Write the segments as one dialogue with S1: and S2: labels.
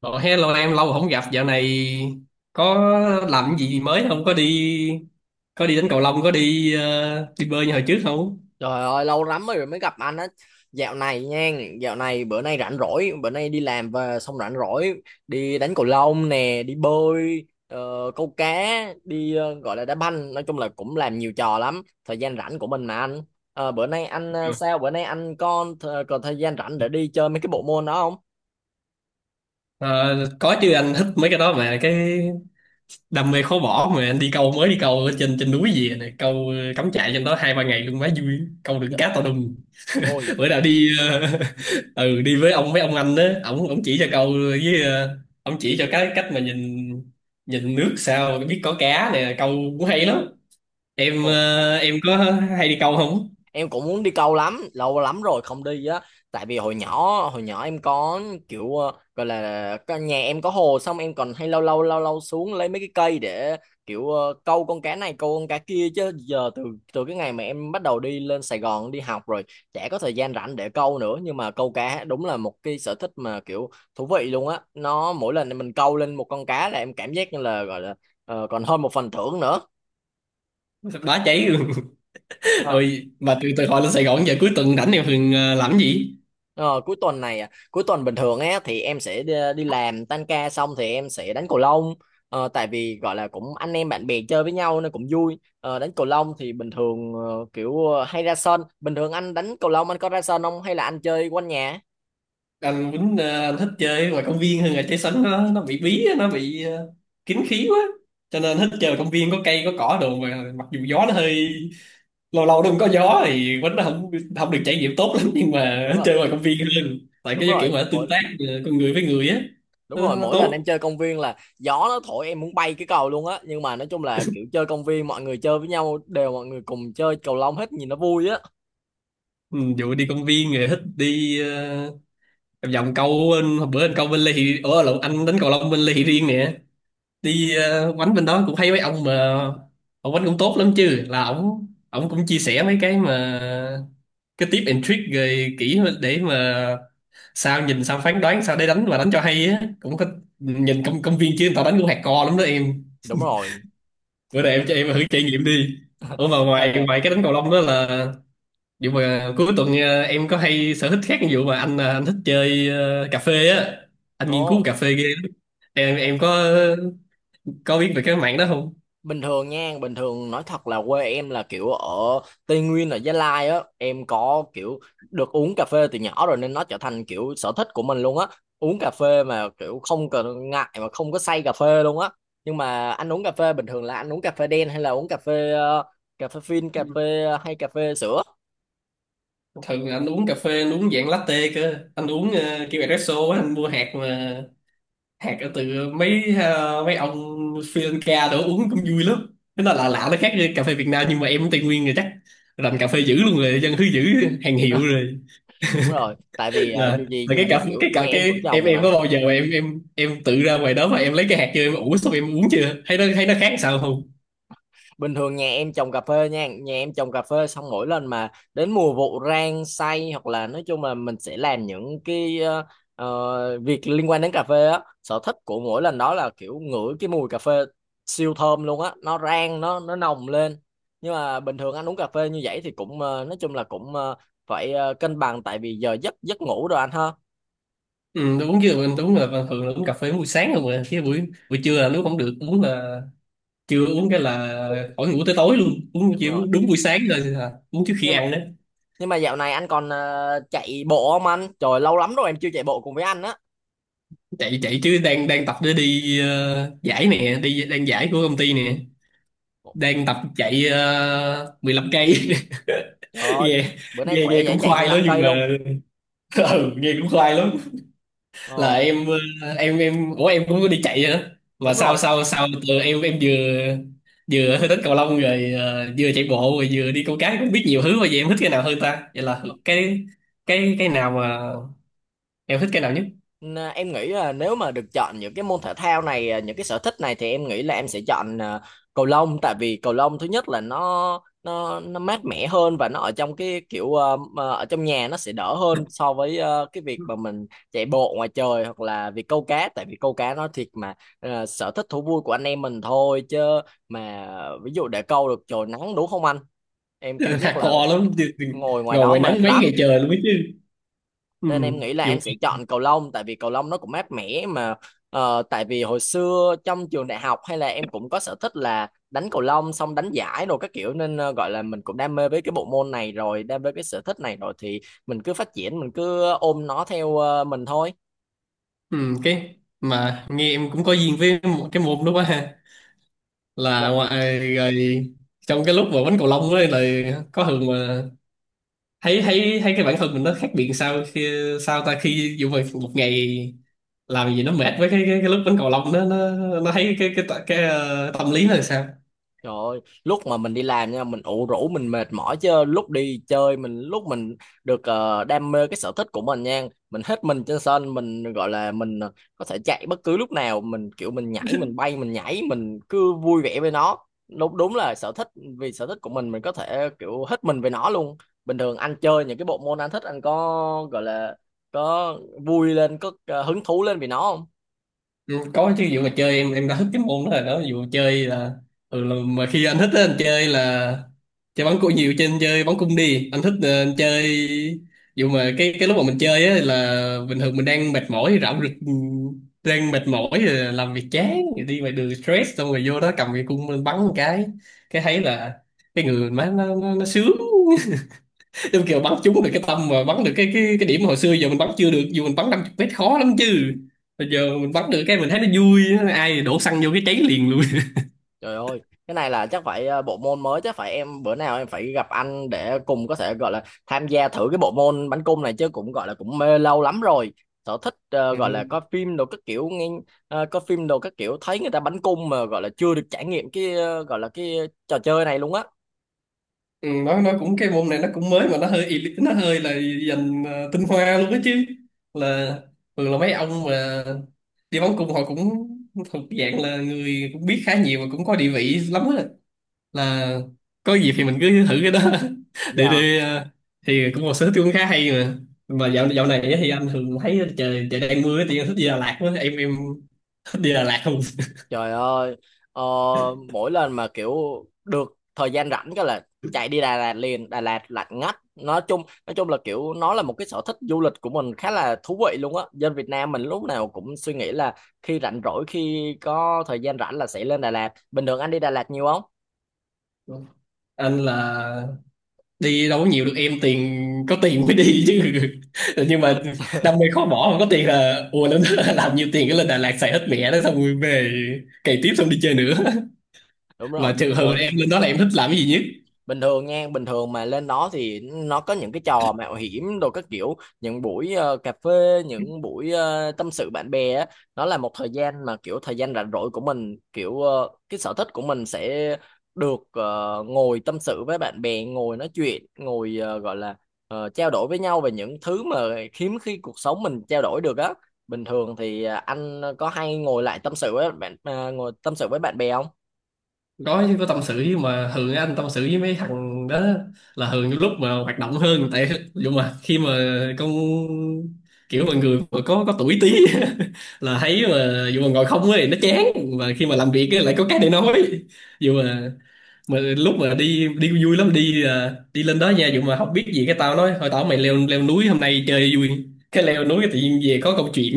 S1: Ồ, hello em, lâu rồi không gặp. Dạo này có làm cái gì mới không, có đi, có đi đánh cầu lông, có đi đi bơi như hồi trước không?
S2: Trời ơi, lâu lắm rồi mới gặp anh á. Dạo này nha. Dạo này bữa nay rảnh rỗi. Bữa nay đi làm về xong rảnh rỗi. Đi đánh cầu lông nè. Đi bơi, câu cá. Đi, gọi là đá banh. Nói chung là cũng làm nhiều trò lắm. Thời gian rảnh của mình mà anh. Bữa nay anh,
S1: Ừ.
S2: sao? Bữa nay anh còn thời gian rảnh để đi chơi mấy cái bộ môn đó không?
S1: Ờ, có chứ, anh thích mấy cái đó mà, cái đam mê khó bỏ mà. Anh đi câu, mới đi câu ở trên trên núi gì này, câu cắm trại trên đó hai ba ngày luôn, quá vui, câu được
S2: Dạ.
S1: cá to đùng.
S2: Ôi,
S1: Bữa nào đi ừ, đi với ông, mấy ông anh đó, ổng ổng chỉ cho câu với ổng chỉ cho cái cách mà nhìn, nhìn nước sao biết có cá nè, câu cũng hay lắm. Em em có hay đi câu không?
S2: em cũng muốn đi câu lắm, lâu lắm rồi không đi á. Tại vì hồi nhỏ, em có, kiểu gọi là nhà em có hồ, xong em còn hay lâu lâu xuống lấy mấy cái cây để kiểu câu con cá này, câu con cá kia. Chứ giờ từ từ cái ngày mà em bắt đầu đi lên Sài Gòn đi học rồi, chả có thời gian rảnh để câu nữa. Nhưng mà câu cá đúng là một cái sở thích mà kiểu thú vị luôn á. Nó mỗi lần mình câu lên một con cá là em cảm giác như là, gọi là còn hơn một phần thưởng nữa.
S1: Bá cháy luôn. Rồi mà từ từ hồi lên Sài Gòn, giờ cuối tuần rảnh em thường làm cái gì?
S2: Ờ, Cuối tuần này à, cuối tuần bình thường á thì em sẽ đi làm tan ca xong thì em sẽ đánh cầu lông, tại vì gọi là cũng anh em bạn bè chơi với nhau nên cũng vui. Ờ, Đánh cầu lông thì bình thường kiểu hay ra sân. Bình thường anh đánh cầu lông anh có ra sân không, hay là anh chơi quanh nhà?
S1: Anh Quýnh anh thích chơi ngoài công viên hơn là chơi sân, nó bị bí á, nó bị kín khí quá cho nên thích chơi ở công viên có cây có cỏ đồ, mà mặc dù gió nó hơi, lâu lâu nó cũng có gió thì Quýnh nó không không được trải nghiệm tốt lắm, nhưng mà
S2: Đúng rồi,
S1: chơi ngoài công viên hơn tại
S2: đúng
S1: cái kiểu
S2: rồi,
S1: mà tương tác con người với người á. nó, nó
S2: mỗi lần
S1: tốt.
S2: em chơi công viên là gió nó thổi em muốn bay cái cầu luôn á. Nhưng mà nói chung là kiểu chơi công viên mọi người chơi với nhau, đều mọi người cùng chơi cầu lông hết, nhìn nó vui á.
S1: Ừ, dụ đi công viên rồi thích đi em vòng câu bên, hôm bữa anh câu bên Lê Thị, ủa lộn, anh đánh cầu lông bên Lê Thị Riêng nè. Đi quánh bên đó cũng thấy mấy ông mà, ông quánh cũng tốt lắm chứ, là ổng ổng cũng chia sẻ mấy cái mà cái tip and trick rồi kỹ để mà sao nhìn, sao phán đoán, sao để đánh và đánh cho hay á, cũng có. Nhìn công công viên chứ người ta đánh cũng hardcore lắm đó em.
S2: Đúng rồi.
S1: Bữa nay em
S2: Em
S1: cho em thử trải nghiệm đi. Ủa mà
S2: à,
S1: ngoài
S2: để.
S1: ngoài cái đánh cầu lông đó là, vậy mà cuối tuần em có hay sở thích khác, ví dụ mà anh anh thích chơi cà phê á, anh nghiên cứu
S2: Ồ.
S1: cà phê ghê lắm. Em có biết về cái mạng đó không?
S2: Bình thường nha, bình thường nói thật là quê em là kiểu ở Tây Nguyên, ở Gia Lai á, em có kiểu được uống cà phê từ nhỏ rồi nên nó trở thành kiểu sở thích của mình luôn á. Uống cà phê mà kiểu không cần ngại mà không có say cà phê luôn á. Nhưng mà anh uống cà phê bình thường là anh uống cà phê đen hay là uống cà phê cà phê phin, cà
S1: Ừ.
S2: phê hay cà phê sữa?
S1: Thường là anh uống cà phê, anh uống dạng latte cơ, anh uống kiểu espresso á, anh mua hạt mà hạt ở từ mấy mấy ông Sri Lanka đó, uống cũng vui lắm. Thế nó là lạ lạ, nó khác với cà phê Việt Nam, nhưng mà em cũng Tây Nguyên rồi chắc rành cà phê dữ luôn rồi, dân thứ dữ hàng hiệu rồi.
S2: Đúng rồi, tại vì
S1: là
S2: dù gì
S1: là
S2: dù
S1: cái
S2: gì
S1: cảm,
S2: kiểu
S1: cái
S2: nhà
S1: cả,
S2: em cũng
S1: cái em
S2: trồng
S1: em
S2: mà.
S1: có bao giờ mà em tự ra ngoài đó mà em lấy cái hạt chưa, em ủ xong em uống chưa, thấy nó khác sao không?
S2: Bình thường nhà em trồng cà phê nha, nhà em trồng cà phê, xong mỗi lần mà đến mùa vụ rang xay hoặc là nói chung là mình sẽ làm những cái việc liên quan đến cà phê á. Sở thích của mỗi lần đó là kiểu ngửi cái mùi cà phê siêu thơm luôn á, nó rang nó nồng lên. Nhưng mà bình thường anh uống cà phê như vậy thì cũng nói chung là cũng phải cân bằng, tại vì giờ giấc, ngủ rồi, anh ha.
S1: Ừ, tôi uống chưa, mình uống là bình thường là uống cà phê buổi sáng không à, chứ buổi buổi trưa là lúc không được uống, là chưa uống cái là khỏi ngủ tới tối luôn, uống
S2: Đúng
S1: chỉ
S2: rồi.
S1: uống đúng buổi sáng rồi à, uống trước khi
S2: nhưng mà
S1: ăn đó.
S2: nhưng mà dạo này anh còn chạy bộ không anh? Trời, lâu lắm rồi em chưa chạy bộ cùng với anh á.
S1: Chạy chạy chứ, đang đang tập để đi giải nè, đi, đang giải của công ty nè, đang tập chạy 15 cây
S2: Trời ơi,
S1: nghe
S2: bữa nay
S1: nghe
S2: khỏe
S1: nghe
S2: vậy,
S1: cũng
S2: chạy mười
S1: khoai lắm
S2: lăm
S1: nhưng
S2: cây luôn.
S1: mà ừ, nghe cũng khoai lắm. Là
S2: Ờ,
S1: em em, ủa em cũng có đi chạy nữa, mà
S2: đúng
S1: sau
S2: rồi.
S1: sau sau từ em, vừa vừa hơi thích cầu lông rồi vừa chạy bộ rồi vừa đi câu cá, cũng biết nhiều thứ mà, vậy em thích cái nào hơn ta, vậy là cái, cái nào mà em thích cái nào nhất?
S2: Em nghĩ là nếu mà được chọn những cái môn thể thao này, à, những cái sở thích này, thì em nghĩ là em sẽ chọn à, cầu lông. Tại vì cầu lông thứ nhất là nó mát mẻ hơn, và nó ở trong cái kiểu mà ở trong nhà nó sẽ đỡ hơn, so với cái việc mà mình chạy bộ ngoài trời, hoặc là việc câu cá. Tại vì câu cá nó thiệt mà sở thích thú vui của anh em mình thôi chứ mà, ví dụ để câu được trời nắng, đúng không anh? Em cảm giác là
S1: Hardcore lắm,
S2: ngồi ngoài
S1: ngồi
S2: đó
S1: ngoài nắng
S2: mệt
S1: mấy
S2: lắm.
S1: ngày trời luôn biết chứ. Ừ.
S2: Nên em nghĩ là
S1: Dù
S2: em sẽ chọn cầu lông, tại vì cầu lông nó cũng mát mẻ mà tại vì hồi xưa trong trường đại học hay là em cũng có sở thích là đánh cầu lông, xong đánh giải rồi các kiểu, nên gọi là mình cũng đam mê với cái bộ môn này rồi, đam mê cái sở thích này rồi, thì mình cứ phát triển, mình cứ ôm nó theo mình thôi.
S1: ừ cái mà nghe em cũng có duyên với một cái môn đó quá ha,
S2: Dạ.
S1: là ngoài rồi. Trong cái lúc mà đánh cầu lông ấy là có thường mà thấy thấy thấy cái bản thân mình nó khác biệt sao, khi sao ta, khi dù mà một ngày làm gì nó mệt, với cái cái lúc đánh cầu lông đó nó thấy cái tâm lý nó là sao?
S2: Trời ơi, lúc mà mình đi làm nha, mình ủ rũ mình mệt mỏi, chứ lúc đi chơi mình, lúc mình được đam mê cái sở thích của mình nha, mình hết mình trên sân, mình gọi là mình có thể chạy bất cứ lúc nào, mình kiểu mình nhảy, mình bay, mình nhảy, mình cứ vui vẻ với nó. Đúng, đúng là sở thích, vì sở thích của mình có thể kiểu hết mình với nó luôn. Bình thường anh chơi những cái bộ môn anh thích, anh có gọi là có vui lên, có hứng thú lên vì nó không?
S1: Ừ, có chứ, vụ mà chơi em, đã thích cái môn đó rồi đó, vụ chơi là ừ, mà khi anh thích á, anh chơi là chơi bắn cung nhiều, trên chơi bắn cung đi, anh thích anh chơi vụ mà cái, lúc mà mình chơi á là bình thường mình đang mệt mỏi rạo rực, ừ, đang mệt mỏi rồi làm việc chán rồi đi ngoài đường stress, xong rồi vô đó cầm cái cung lên bắn một cái thấy là cái người mình má nó nó sướng, đúng kiểu bắn trúng được cái tâm mà bắn được cái, cái điểm hồi xưa giờ mình bắn chưa được, dù mình bắn 50 mét khó lắm chứ, bây giờ mình bắn được cái mình thấy nó vui, ai đổ xăng vô cái cháy liền luôn.
S2: Trời ơi, cái này là chắc phải bộ môn mới, chắc phải em bữa nào em phải gặp anh để cùng có thể gọi là tham gia thử cái bộ môn bắn cung này, chứ cũng gọi là cũng mê lâu lắm rồi. Sở thích
S1: Ừ.
S2: gọi là coi phim đồ các kiểu, nghe coi phim đồ các kiểu thấy người ta bắn cung, mà gọi là chưa được trải nghiệm cái gọi là cái trò chơi này luôn á.
S1: Ừ, nó cũng, cái môn này nó cũng mới mà nó hơi elite, nó hơi là dành tinh hoa luôn đó chứ, là thường là mấy ông mà đi bắn cung họ cũng thuộc dạng là người cũng biết khá nhiều và cũng có địa vị lắm á, là có dịp thì mình cứ thử cái đó để
S2: Dạ.
S1: đi thì cũng một sở thích cũng khá hay mà. Mà dạo dạo này á thì anh thường thấy trời trời đang mưa thì anh thích đi Đà Lạt quá, em thích đi Đà Lạt không?
S2: Trời ơi, ờ, mỗi lần mà kiểu được thời gian rảnh cái là chạy đi Đà Lạt liền. Đà Lạt lạnh ngắt. Nói chung là kiểu nó là một cái sở thích du lịch của mình khá là thú vị luôn á. Dân Việt Nam mình lúc nào cũng suy nghĩ là khi rảnh rỗi, khi có thời gian rảnh là sẽ lên Đà Lạt. Bình thường anh đi Đà Lạt nhiều không?
S1: Anh là đi đâu có nhiều được em, tiền, có tiền mới đi chứ, nhưng mà đam mê khó bỏ, không có tiền là ùa lên làm nhiều tiền cái lên Đà Lạt xài hết mẹ đó, xong rồi về cày tiếp, xong đi chơi nữa.
S2: Đúng
S1: Mà
S2: rồi.
S1: trường hợp
S2: Mỗi
S1: em lên đó là em thích làm cái gì nhất?
S2: bình thường nha, bình thường mà lên đó thì nó có những cái trò mạo hiểm đồ các kiểu, những buổi cà phê, những buổi tâm sự bạn bè á. Nó là một thời gian mà kiểu thời gian rảnh rỗi của mình, kiểu cái sở thích của mình sẽ được ngồi tâm sự với bạn bè, ngồi nói chuyện, ngồi gọi là trao đổi với nhau về những thứ mà hiếm khi cuộc sống mình trao đổi được á. Bình thường thì anh có hay ngồi lại tâm sự với bạn, ngồi tâm sự với bạn bè không?
S1: Có chứ, có tâm sự chứ, mà thường anh tâm sự với mấy thằng đó là thường những lúc mà hoạt động hơn, tại dù mà khi mà, con, kiểu mọi người mà có tuổi tí là thấy mà dù mà ngồi không ấy nó chán, mà khi mà làm việc ấy, lại có cái để nói. Dù mà, lúc mà đi, vui lắm, đi à, đi lên đó nha dù mà không biết gì, cái tao nói thôi, tao mày leo, núi hôm nay chơi vui, cái leo núi cái tự nhiên về có câu chuyện,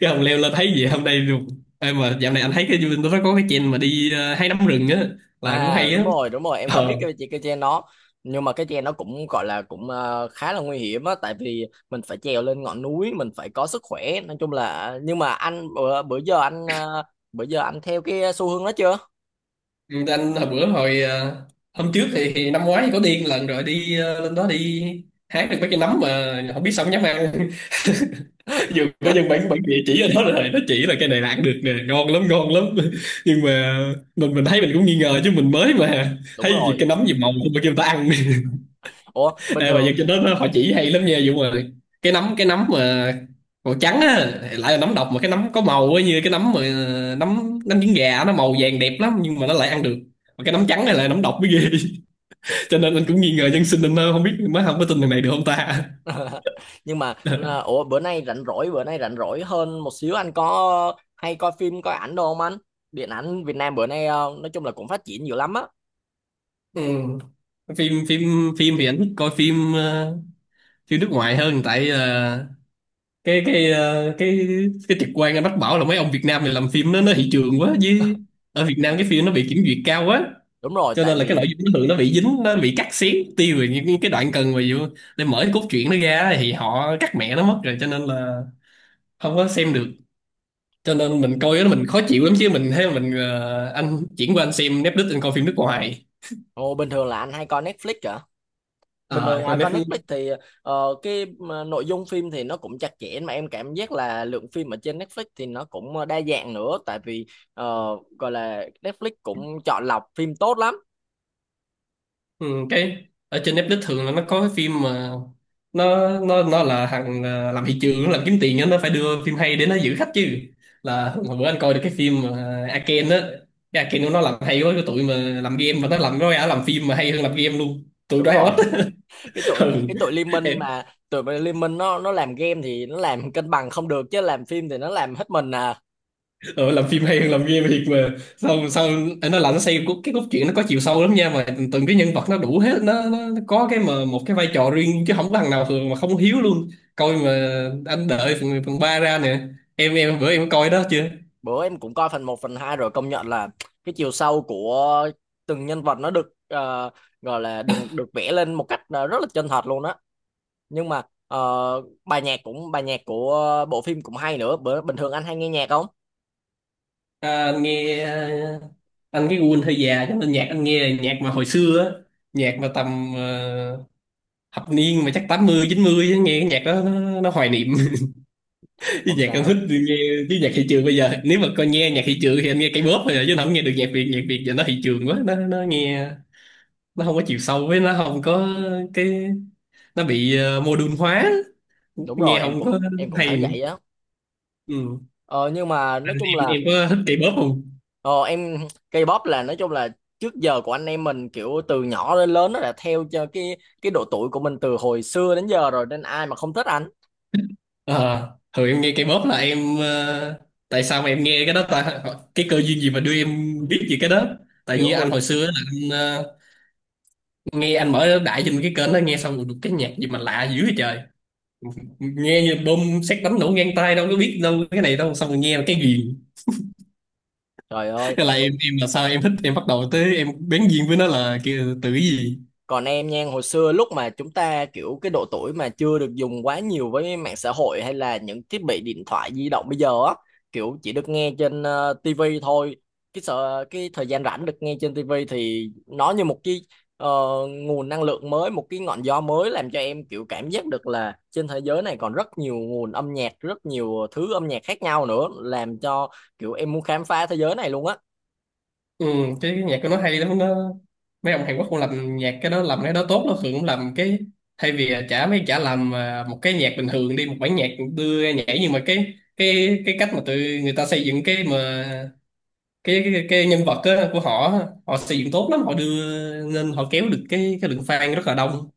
S1: cái ông leo lên thấy gì hôm nay được- Ê, mà dạo này anh thấy cái YouTube nó có cái trend mà đi hái nấm rừng á, là cũng
S2: À,
S1: hay
S2: đúng
S1: á.
S2: rồi, đúng rồi, em có
S1: Ờ.
S2: biết cái treo nó. Nhưng mà cái treo nó cũng gọi là cũng khá là nguy hiểm á, tại vì mình phải trèo lên ngọn núi, mình phải có sức khỏe. Nói chung là, nhưng mà anh bữa, bữa giờ anh bữa giờ anh theo cái xu hướng đó chưa?
S1: Ừ, anh hồi bữa, hồi hôm trước thì, năm ngoái có đi một lần rồi, đi lên đó đi hái được mấy cái nấm mà không biết sao không dám ăn. Vừa có dân bản bản địa chỉ ở đó rồi nó chỉ là cái này là ăn được nè, ngon lắm, ngon lắm. Nhưng mà mình thấy mình cũng nghi ngờ chứ, mình mới mà
S2: Đúng
S1: thấy gì
S2: rồi.
S1: cái nấm gì màu không mà kêu người ta ăn.
S2: Ủa, bình
S1: Ê, mà
S2: thường,
S1: dân trên đó họ chỉ hay lắm nha Dũng ơi, cái nấm, cái nấm mà màu trắng á lại là nấm độc, mà cái nấm có màu á như cái nấm mà nấm nấm trứng gà nó màu vàng đẹp lắm nhưng mà nó lại ăn được, mà cái nấm trắng này là nấm độc mới ghê. Cho nên anh cũng nghi ngờ dân sinh anh, không biết mới không có tin thằng này được không ta.
S2: nhưng mà ủa bữa nay rảnh rỗi, bữa nay rảnh rỗi hơn một xíu, anh có hay coi phim coi ảnh đâu không anh? Điện ảnh Việt Nam bữa nay nói chung là cũng phát triển dữ lắm á.
S1: Ừ. phim phim Phim thì anh thích coi phim phim nước ngoài hơn, tại cái, cái trực quan anh bắt bảo là mấy ông Việt Nam này làm phim nó thị trường quá, với ở Việt Nam cái phim nó bị kiểm duyệt cao quá,
S2: Đúng rồi,
S1: cho
S2: tại
S1: nên là cái nội
S2: vì
S1: dung nó thường nó bị dính, nó bị cắt xén tiêu rồi, những cái đoạn cần mà vô để mở cái cốt truyện nó ra thì họ cắt mẹ nó mất rồi, cho nên là không có xem được, cho nên mình coi đó mình khó chịu lắm chứ, mình thấy mình anh chuyển qua anh xem Netflix, anh coi phim nước ngoài.
S2: ồ, bình thường là anh hay coi Netflix. Bình
S1: À,
S2: thường à,
S1: coi
S2: coi
S1: Netflix.
S2: Netflix thì cái nội dung phim thì nó cũng chặt chẽ, mà em cảm giác là lượng phim ở trên Netflix thì nó cũng đa dạng nữa, tại vì ờ, gọi là Netflix cũng chọn lọc phim tốt lắm.
S1: Ừ, cái ở trên Netflix thường là nó có cái phim mà nó là thằng à, làm thị trường nó làm kiếm tiền á, nó phải đưa phim hay để nó giữ khách chứ, là hồi bữa anh coi được cái phim mà Arcane á, cái Arcane của nó làm hay quá, cái tụi mà làm game mà nó làm, nó ra làm phim mà hay hơn làm game luôn, tụi
S2: Đúng rồi.
S1: Riot á.
S2: Cái tụi, cái tụi Liên Minh,
S1: Ừ.
S2: mà tụi mà Liên Minh nó làm game thì nó làm cân bằng không được, chứ làm phim thì nó làm hết mình à.
S1: Ừ, làm phim hay hơn làm game thiệt mà, sao sao anh nói là nó xây cái cốt truyện nó có chiều sâu lắm nha, mà từng cái nhân vật nó đủ hết, nó có cái mà một cái vai trò riêng chứ không có thằng nào thường mà không hiếu luôn, coi mà anh đợi phần, phần 3 ra nè, em bữa em có coi đó chưa?
S2: Bữa em cũng coi phần một phần 2 rồi, công nhận là cái chiều sâu của từng nhân vật nó được gọi là được được vẽ lên một cách rất là chân thật luôn á. Nhưng mà ờ, bài nhạc cũng, bài nhạc của bộ phim cũng hay nữa. Bữa bình thường anh hay nghe nhạc không?
S1: À, anh nghe à, anh cái gu anh hơi già cho nên nhạc anh nghe là nhạc mà hồi xưa á, nhạc mà tầm à, thập niên mà chắc tám mươi chín mươi á, nghe cái nhạc đó nó hoài niệm. Cái
S2: Không
S1: nhạc anh thích
S2: sao.
S1: thì nghe, chứ nhạc thị trường bây giờ nếu mà coi nghe nhạc thị trường thì anh nghe cây pop thôi à, chứ anh không nghe được nhạc Việt, nhạc Việt giờ nó thị trường quá, nó nghe nó không có chiều sâu, với nó không có cái, nó bị modern hóa,
S2: Đúng
S1: nghe
S2: rồi, em
S1: không
S2: cũng,
S1: có
S2: em cũng
S1: hay
S2: thấy
S1: nữa.
S2: vậy á.
S1: Ừ.
S2: Ờ, nhưng mà nói
S1: Anh,
S2: chung
S1: em
S2: là
S1: em có thích K-pop không?
S2: ờ, em K-pop là nói chung là trước giờ của anh em mình, kiểu từ nhỏ đến lớn nó đã theo cho cái độ tuổi của mình từ hồi xưa đến giờ rồi, nên ai mà không thích anh.
S1: Ờ, thường em nghe cây pop là em tại sao mà em nghe cái đó ta, ờ, cái cơ duyên gì mà đưa em biết về cái đó. Tại
S2: Kiểu
S1: như
S2: hồi,
S1: anh hồi xưa là anh nghe, anh mở đại trên cái kênh đó nghe xong được cái nhạc gì mà lạ dữ vậy trời, nghe như bom sét đánh nổ ngang tai, đâu có biết đâu cái này đâu, xong rồi nghe cái gì.
S2: trời ơi.
S1: Thế là em là sao, em thích, em bắt đầu tới em bén duyên với nó là kia từ cái gì?
S2: Còn em nha, hồi xưa lúc mà chúng ta kiểu cái độ tuổi mà chưa được dùng quá nhiều với mạng xã hội hay là những thiết bị điện thoại di động bây giờ á, kiểu chỉ được nghe trên TV thôi. Cái sợ, cái thời gian rảnh được nghe trên tivi thì nó như một cái ờ, nguồn năng lượng mới, một cái ngọn gió mới, làm cho em kiểu cảm giác được là trên thế giới này còn rất nhiều nguồn âm nhạc, rất nhiều thứ âm nhạc khác nhau nữa, làm cho kiểu em muốn khám phá thế giới này luôn á.
S1: Ừ, cái nhạc của nó hay lắm, nó mấy ông Hàn Quốc cũng làm nhạc cái đó, làm cái đó tốt, nó thường cũng làm cái thay vì chả, mấy chả làm à, một cái nhạc bình thường đi, một bản nhạc đưa ra nhảy, nhưng mà cái cách mà tụi người ta xây dựng cái mà cái nhân vật á, của họ á, họ xây dựng tốt lắm, họ đưa nên họ kéo được cái lượng fan rất là đông,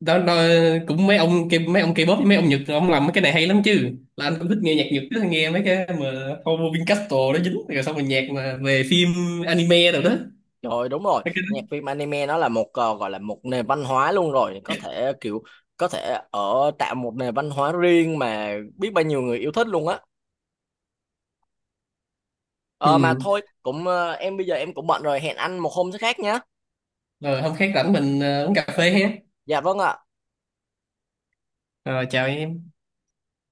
S1: đó, đó. Cũng mấy ông kia, mấy ông K-pop với mấy ông Nhật, ông làm mấy cái này hay lắm chứ, là anh cũng thích nghe nhạc Nhật, cứ nghe mấy cái mà Homo Vincastro nó dính rồi, xong rồi nhạc mà về phim anime rồi đó.
S2: Rồi đúng rồi,
S1: Mấy cái
S2: nhạc
S1: đó.
S2: phim anime nó là một gọi là một nền văn hóa luôn rồi, có thể kiểu có thể ở tạo một nền văn hóa riêng mà biết bao nhiêu người yêu thích luôn á. Ờ mà
S1: Ừ.
S2: thôi, cũng em bây giờ em cũng bận rồi, hẹn anh một hôm thứ khác nhé.
S1: Rồi hôm khác rảnh mình uống cà phê ha,
S2: Dạ vâng ạ.
S1: rồi chào em.